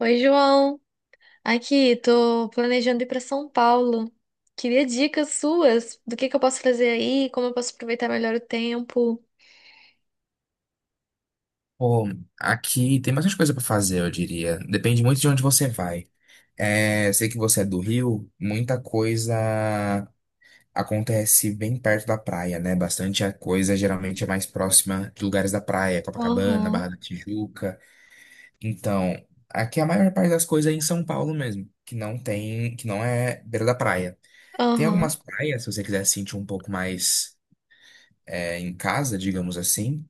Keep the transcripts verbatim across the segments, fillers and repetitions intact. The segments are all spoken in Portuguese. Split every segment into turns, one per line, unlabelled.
Oi, João. Aqui, tô planejando ir para São Paulo. Queria dicas suas do que que eu posso fazer aí, como eu posso aproveitar melhor o tempo.
Pô, aqui tem bastante coisa para fazer, eu diria. Depende muito de onde você vai. É, sei que você é do Rio, muita coisa acontece bem perto da praia, né? Bastante a coisa geralmente é mais próxima de lugares da praia, Copacabana,
Aham,
Barra da Tijuca. Então, aqui a maior parte das coisas é em São Paulo mesmo, que não tem, que não é beira da praia. Tem algumas
aham.
praias, se você quiser se sentir um pouco mais é, em casa, digamos assim.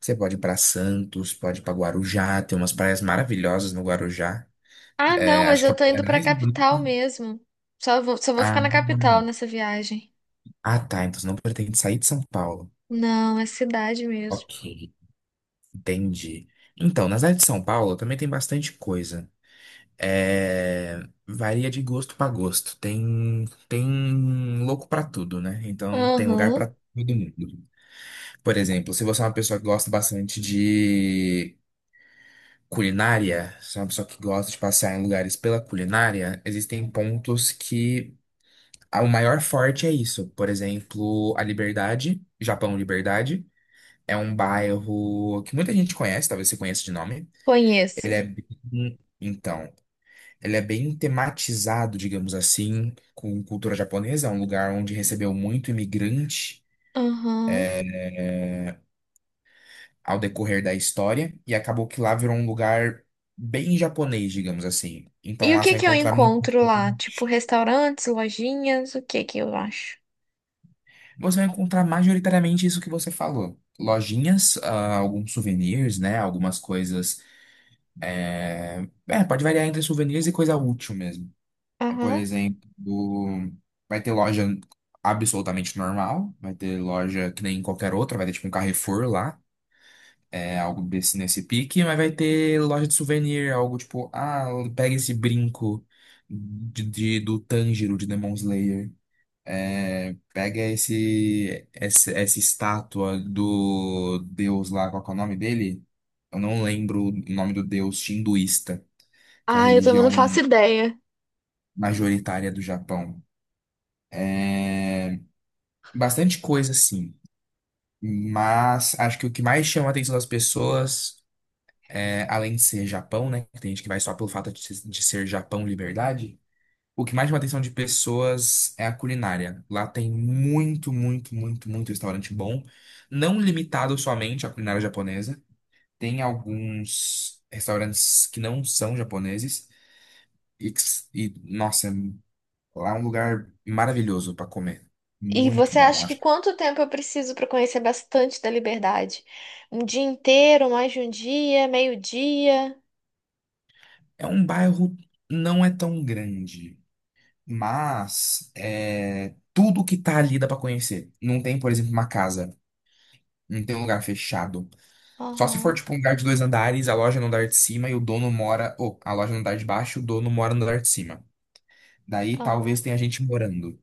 Você pode ir para Santos, pode ir para Guarujá, tem umas praias maravilhosas no Guarujá.
Ah, não,
É,
mas
acho que
eu
é a
tô
praia
indo pra
mais
capital
bonita.
mesmo. Só vou, só vou
Ah,
ficar na capital nessa viagem.
ah, tá. Então você não pretende sair de São Paulo.
Não, é cidade mesmo.
Ok, entendi. Então, na cidade de São Paulo também tem bastante coisa. É, varia de gosto para gosto. Tem, tem louco para tudo, né? Então tem lugar para
Aham,
todo mundo. Por exemplo, se você é uma pessoa que gosta bastante de culinária, sou uma pessoa que gosta de passear em lugares pela culinária, existem pontos que ah, o maior forte é isso. Por exemplo, a Liberdade, Japão Liberdade, é um bairro que muita gente conhece, talvez você conheça de nome. Ele
conheço.
é bem, então, ele é bem tematizado, digamos assim, com cultura japonesa, é um lugar onde recebeu muito imigrante
Aham.
ao decorrer da história e acabou que lá virou um lugar bem japonês, digamos assim. Então
E o
lá você
que
vai
que eu
encontrar
encontro lá? Tipo, restaurantes, lojinhas, o que que eu acho?
Você vai encontrar majoritariamente isso que você falou. Lojinhas, ah, alguns souvenirs, né? Algumas coisas. É, é, pode variar entre souvenirs e coisa útil mesmo. É, Por
Aham.
exemplo, vai ter loja absolutamente normal, vai ter loja que nem qualquer outra, vai ter tipo um Carrefour lá, é algo desse nesse pique, mas vai ter loja de souvenir, algo tipo, ah, pega esse brinco de, de- do Tanjiro de Demon Slayer. Pega esse, esse essa estátua do deus lá, qual que é o nome dele? Eu não lembro o nome do deus hinduísta, que é a
Ah, eu também não
religião
faço ideia.
majoritária do Japão. Bastante coisa, sim. Mas acho que o que mais chama a atenção das pessoas, é, além de ser Japão, né? que Tem gente que vai só pelo fato de ser de ser Japão liberdade. O que mais chama a atenção de pessoas é a culinária. Lá tem muito, muito, muito, muito restaurante bom. Não limitado somente à culinária japonesa. Tem alguns restaurantes que não são japoneses e, que s- e, nossa, lá é um lugar maravilhoso para comer.
E
Muito
você
bom,
acha que
acho. que-
quanto tempo eu preciso para conhecer bastante da liberdade? Um dia inteiro, mais de um dia, meio-dia?
É um bairro não é tão grande, mas é tudo que tá ali dá para conhecer. Não tem, por exemplo, uma casa, não tem um lugar fechado. Só se for
Aham,
tipo um lugar de dois andares, a loja no andar de cima e o dono mora, ou a loja no andar de baixo, o dono mora no andar de cima. Daí
aham.
talvez tenha gente morando.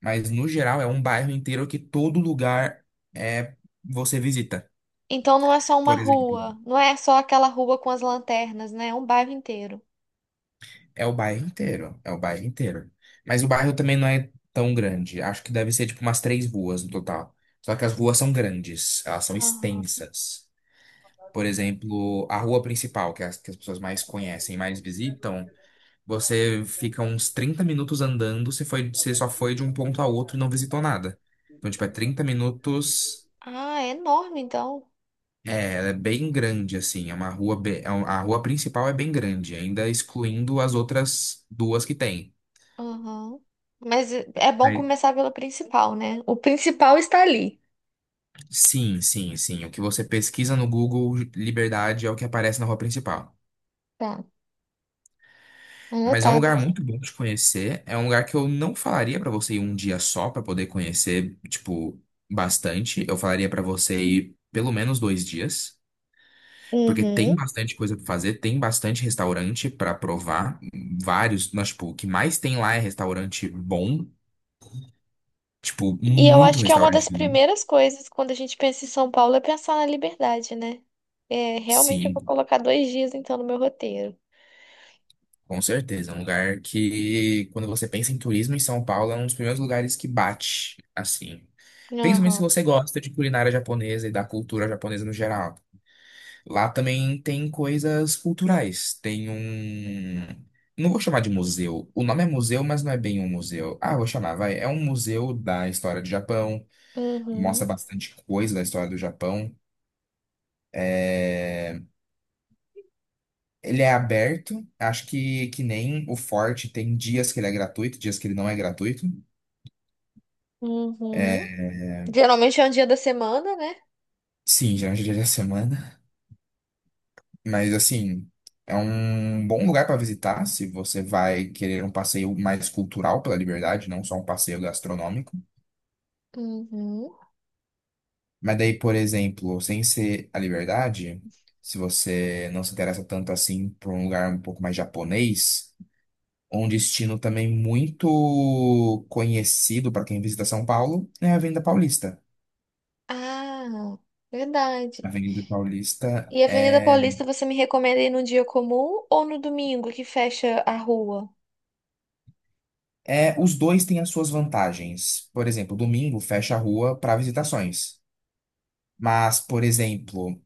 Mas no geral é um bairro inteiro que todo lugar é você visita.
Então não é só uma
Por exemplo,
rua, não é só aquela rua com as lanternas, né? É um bairro inteiro.
é o bairro inteiro, é o bairro inteiro. Mas o bairro também não é tão grande. Acho que deve ser tipo umas três ruas no total. Só que as ruas são grandes, elas são
Aham.
extensas. Por exemplo, a rua principal, que é as, que as pessoas mais conhecem, mais visitam, você fica uns trinta minutos andando, você foi, você só foi de um ponto a outro e não visitou nada. Então, tipo, é trinta minutos.
Ah, é enorme então.
É, ela é bem grande, assim, é uma rua, be- é um- a rua principal é bem grande, ainda excluindo as outras duas que tem.
Aham. Mas é é bom
Mas-
começar pelo principal, né? O principal está ali.
Sim, sim, sim. O que você pesquisa no Google Liberdade é o que aparece na rua principal.
Tá,
Mas é um
anotado
lugar
aqui.
muito bom de conhecer. É um lugar que eu não falaria pra você ir um dia só pra poder conhecer, tipo, bastante. Eu falaria pra você ir pelo menos dois dias, porque tem
Uhum.
bastante coisa pra fazer, tem bastante restaurante pra provar, vários, mas tipo, o que mais tem lá é restaurante bom. Tipo,
E eu
muito
acho que é uma
restaurante.
das
lindo.
primeiras coisas quando a gente pensa em São Paulo é pensar na liberdade, né? É, realmente eu vou
Sim,
colocar dois dias então no meu roteiro.
com certeza. É Um lugar que, quando você pensa em turismo em São Paulo, é um dos primeiros lugares que bate, assim. Principalmente se
Aham.
você gosta de culinária japonesa e da cultura japonesa no geral. Lá também tem coisas culturais. Tem um. Não vou chamar de museu. O nome é museu, mas não é bem um museu. Ah, vou chamar, vai. É um museu da história do Japão. Mostra
Uhum.
bastante coisa da história do Japão. Ele é aberto, acho que, que nem o Forte tem dias que ele é gratuito, dias que ele não é gratuito.
Uhum. Geralmente é um dia da semana, né?
Sim, geralmente dia da semana. Mas assim, é um bom lugar para visitar se você vai querer um passeio mais cultural pela Liberdade, não só um passeio gastronômico.
Uhum.
Mas daí, por exemplo, sem ser a Liberdade, se você não se interessa tanto assim por um lugar um pouco mais japonês, um destino também muito conhecido para quem visita São Paulo é a Avenida Paulista.
Ah, verdade.
Avenida Paulista
E a Avenida
é,
Paulista você me recomenda ir num dia comum ou no domingo que fecha a rua?
é os dois têm as suas vantagens. Por exemplo, domingo fecha a rua para visitações, mas por exemplo,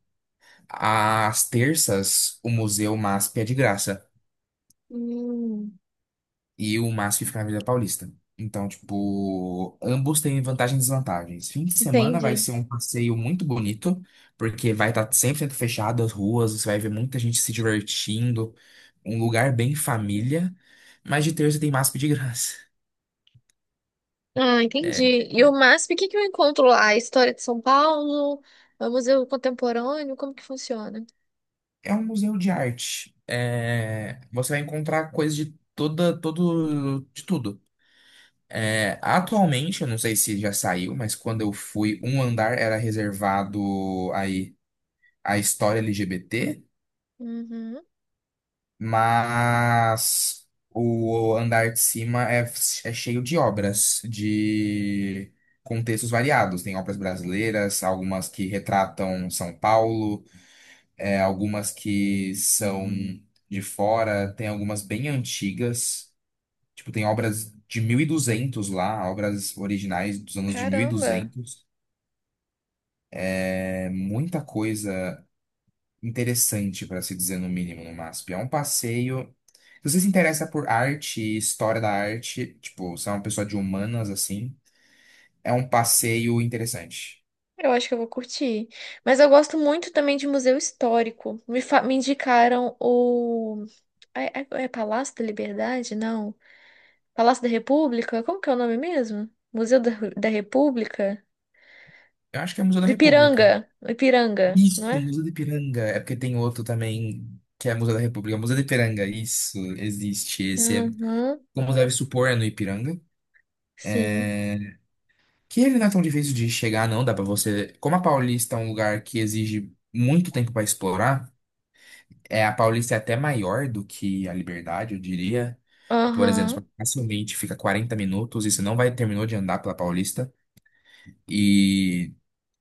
às terças o Museu MASP é de graça
Hum,
e o MASP fica na Avenida Paulista. Então, tipo, ambos têm vantagens e desvantagens. Fim de semana vai
entendi.
ser um passeio muito bonito, porque vai estar cem por cento fechado as ruas, você vai ver muita gente se divertindo, um lugar bem família, mas de terça tem MASP de graça.
Ah, entendi. E o MASP, o que que eu encontro lá? A história de São Paulo? É o Museu Contemporâneo? Como que funciona?
É um museu de arte. É, você vai encontrar coisas de toda, todo, de tudo. É, atualmente, eu não sei se já saiu, mas quando eu fui, um andar era reservado aí à história L G B T,
Uhum.
mas o andar de cima é, é cheio de obras de contextos variados. Tem obras brasileiras, algumas que retratam São Paulo. é, algumas que são de fora, tem algumas bem antigas, tipo, tem obras de mil e duzentos lá, obras originais dos anos de mil e
Caramba,
duzentos É muita coisa interessante, para se dizer no mínimo, no MASP. É um passeio. Se você se interessa por arte, e história da arte, tipo, você é uma pessoa de humanas assim, é um passeio interessante.
eu acho que eu vou curtir. Mas eu gosto muito também de museu histórico. Me, fa- me indicaram o. É, é- é Palácio da Liberdade? Não. Palácio da República? Como que é o nome mesmo? Museu da, da República?
Eu acho que é o Museu da
Do
República.
Ipiranga. Ipiranga, não
Isso,
é?
Museu do Ipiranga. É porque tem outro também, que é Museu da República. Museu do Ipiranga, isso, existe. Esse é,
Uhum,
como deve supor, é no Ipiranga.
sim.
É, Que ele não é tão difícil de chegar, não. Dá pra você. Como a Paulista é um lugar que exige muito tempo pra explorar, é, a Paulista é até maior do que a Liberdade, eu diria. Por exemplo,
Aham,
você facilmente fica quarenta minutos e você não vai terminou de andar pela Paulista. E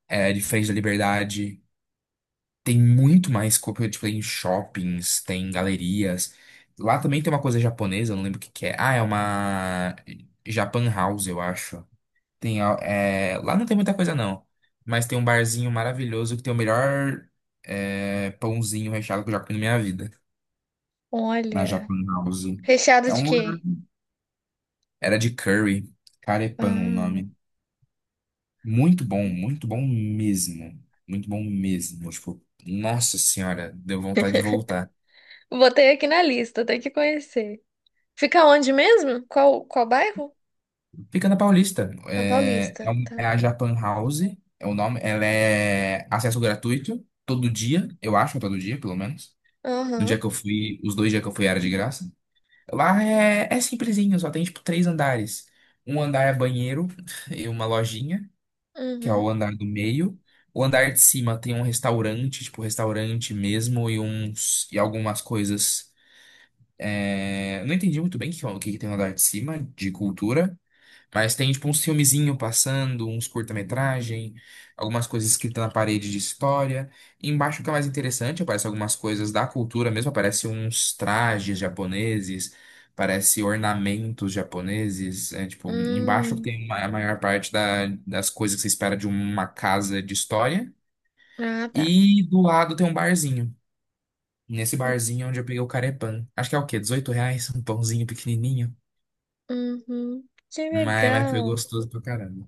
é diferente da Liberdade. Tem muito mais coisa, tipo, tem shoppings, tem galerias. Lá também tem uma coisa japonesa, eu não lembro o que que é. Ah, é uma Japan House, eu acho. Tem, a- é, Lá não tem muita coisa, não. Mas tem um barzinho maravilhoso que tem o melhor é, pãozinho recheado que eu já comi na minha vida. Na
olha.
Japan House.
Recheado
É
de
um lugar...
quê?
Era de curry. Carepan o
Ah,
nome. Muito bom, muito bom mesmo. Muito bom mesmo. Tipo, nossa senhora, deu vontade de voltar.
botei aqui na lista, tem que conhecer. Fica onde mesmo? Qual, qual bairro?
Fica na Paulista.
Na
É, é,
Paulista,
um-
tá.
é a Japan House, é o nome. Ela é acesso gratuito, todo dia, eu acho, é todo dia, pelo menos. No dia
Aham,
que eu fui, os dois dias que eu fui era de graça. Lá é, é simplesinho, só tem tipo três andares. Um andar é banheiro e uma lojinha, que é o
uhum,
andar do meio. O andar de cima tem um restaurante, tipo restaurante mesmo, e uns e algumas coisas. É, eu não entendi muito bem o que, o que que tem no andar de cima de cultura. Mas tem, tipo, uns filmezinho passando, uns curta-metragem, algumas coisas escritas na parede de história. Embaixo fica mais interessante, aparece algumas coisas da cultura mesmo, aparece uns trajes japoneses, aparece ornamentos japoneses. É, tipo, embaixo
hum,
tem ma- a maior parte da- das coisas que você espera de uma casa de história.
ah, tá.
E do lado tem um barzinho. Nesse barzinho é onde eu peguei o carepan. Acho que é o quê? dezoito reais? Um pãozinho pequenininho.
Uhum, que
Mas, mas foi
legal.
gostoso pra caramba.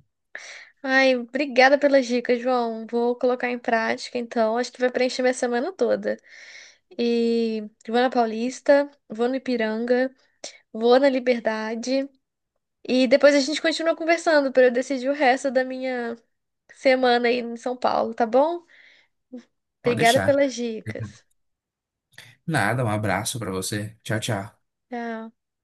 Ai, obrigada pelas dicas, João. Vou colocar em prática, então. Acho que vai preencher minha semana toda. E vou na Paulista, vou no Ipiranga, vou na Liberdade. E depois a gente continua conversando para eu decidir o resto da minha semana aí em São Paulo, tá bom?
Pode
Obrigada
deixar.
pelas dicas.
Nada, um abraço pra você. Tchau, tchau.
Tchau.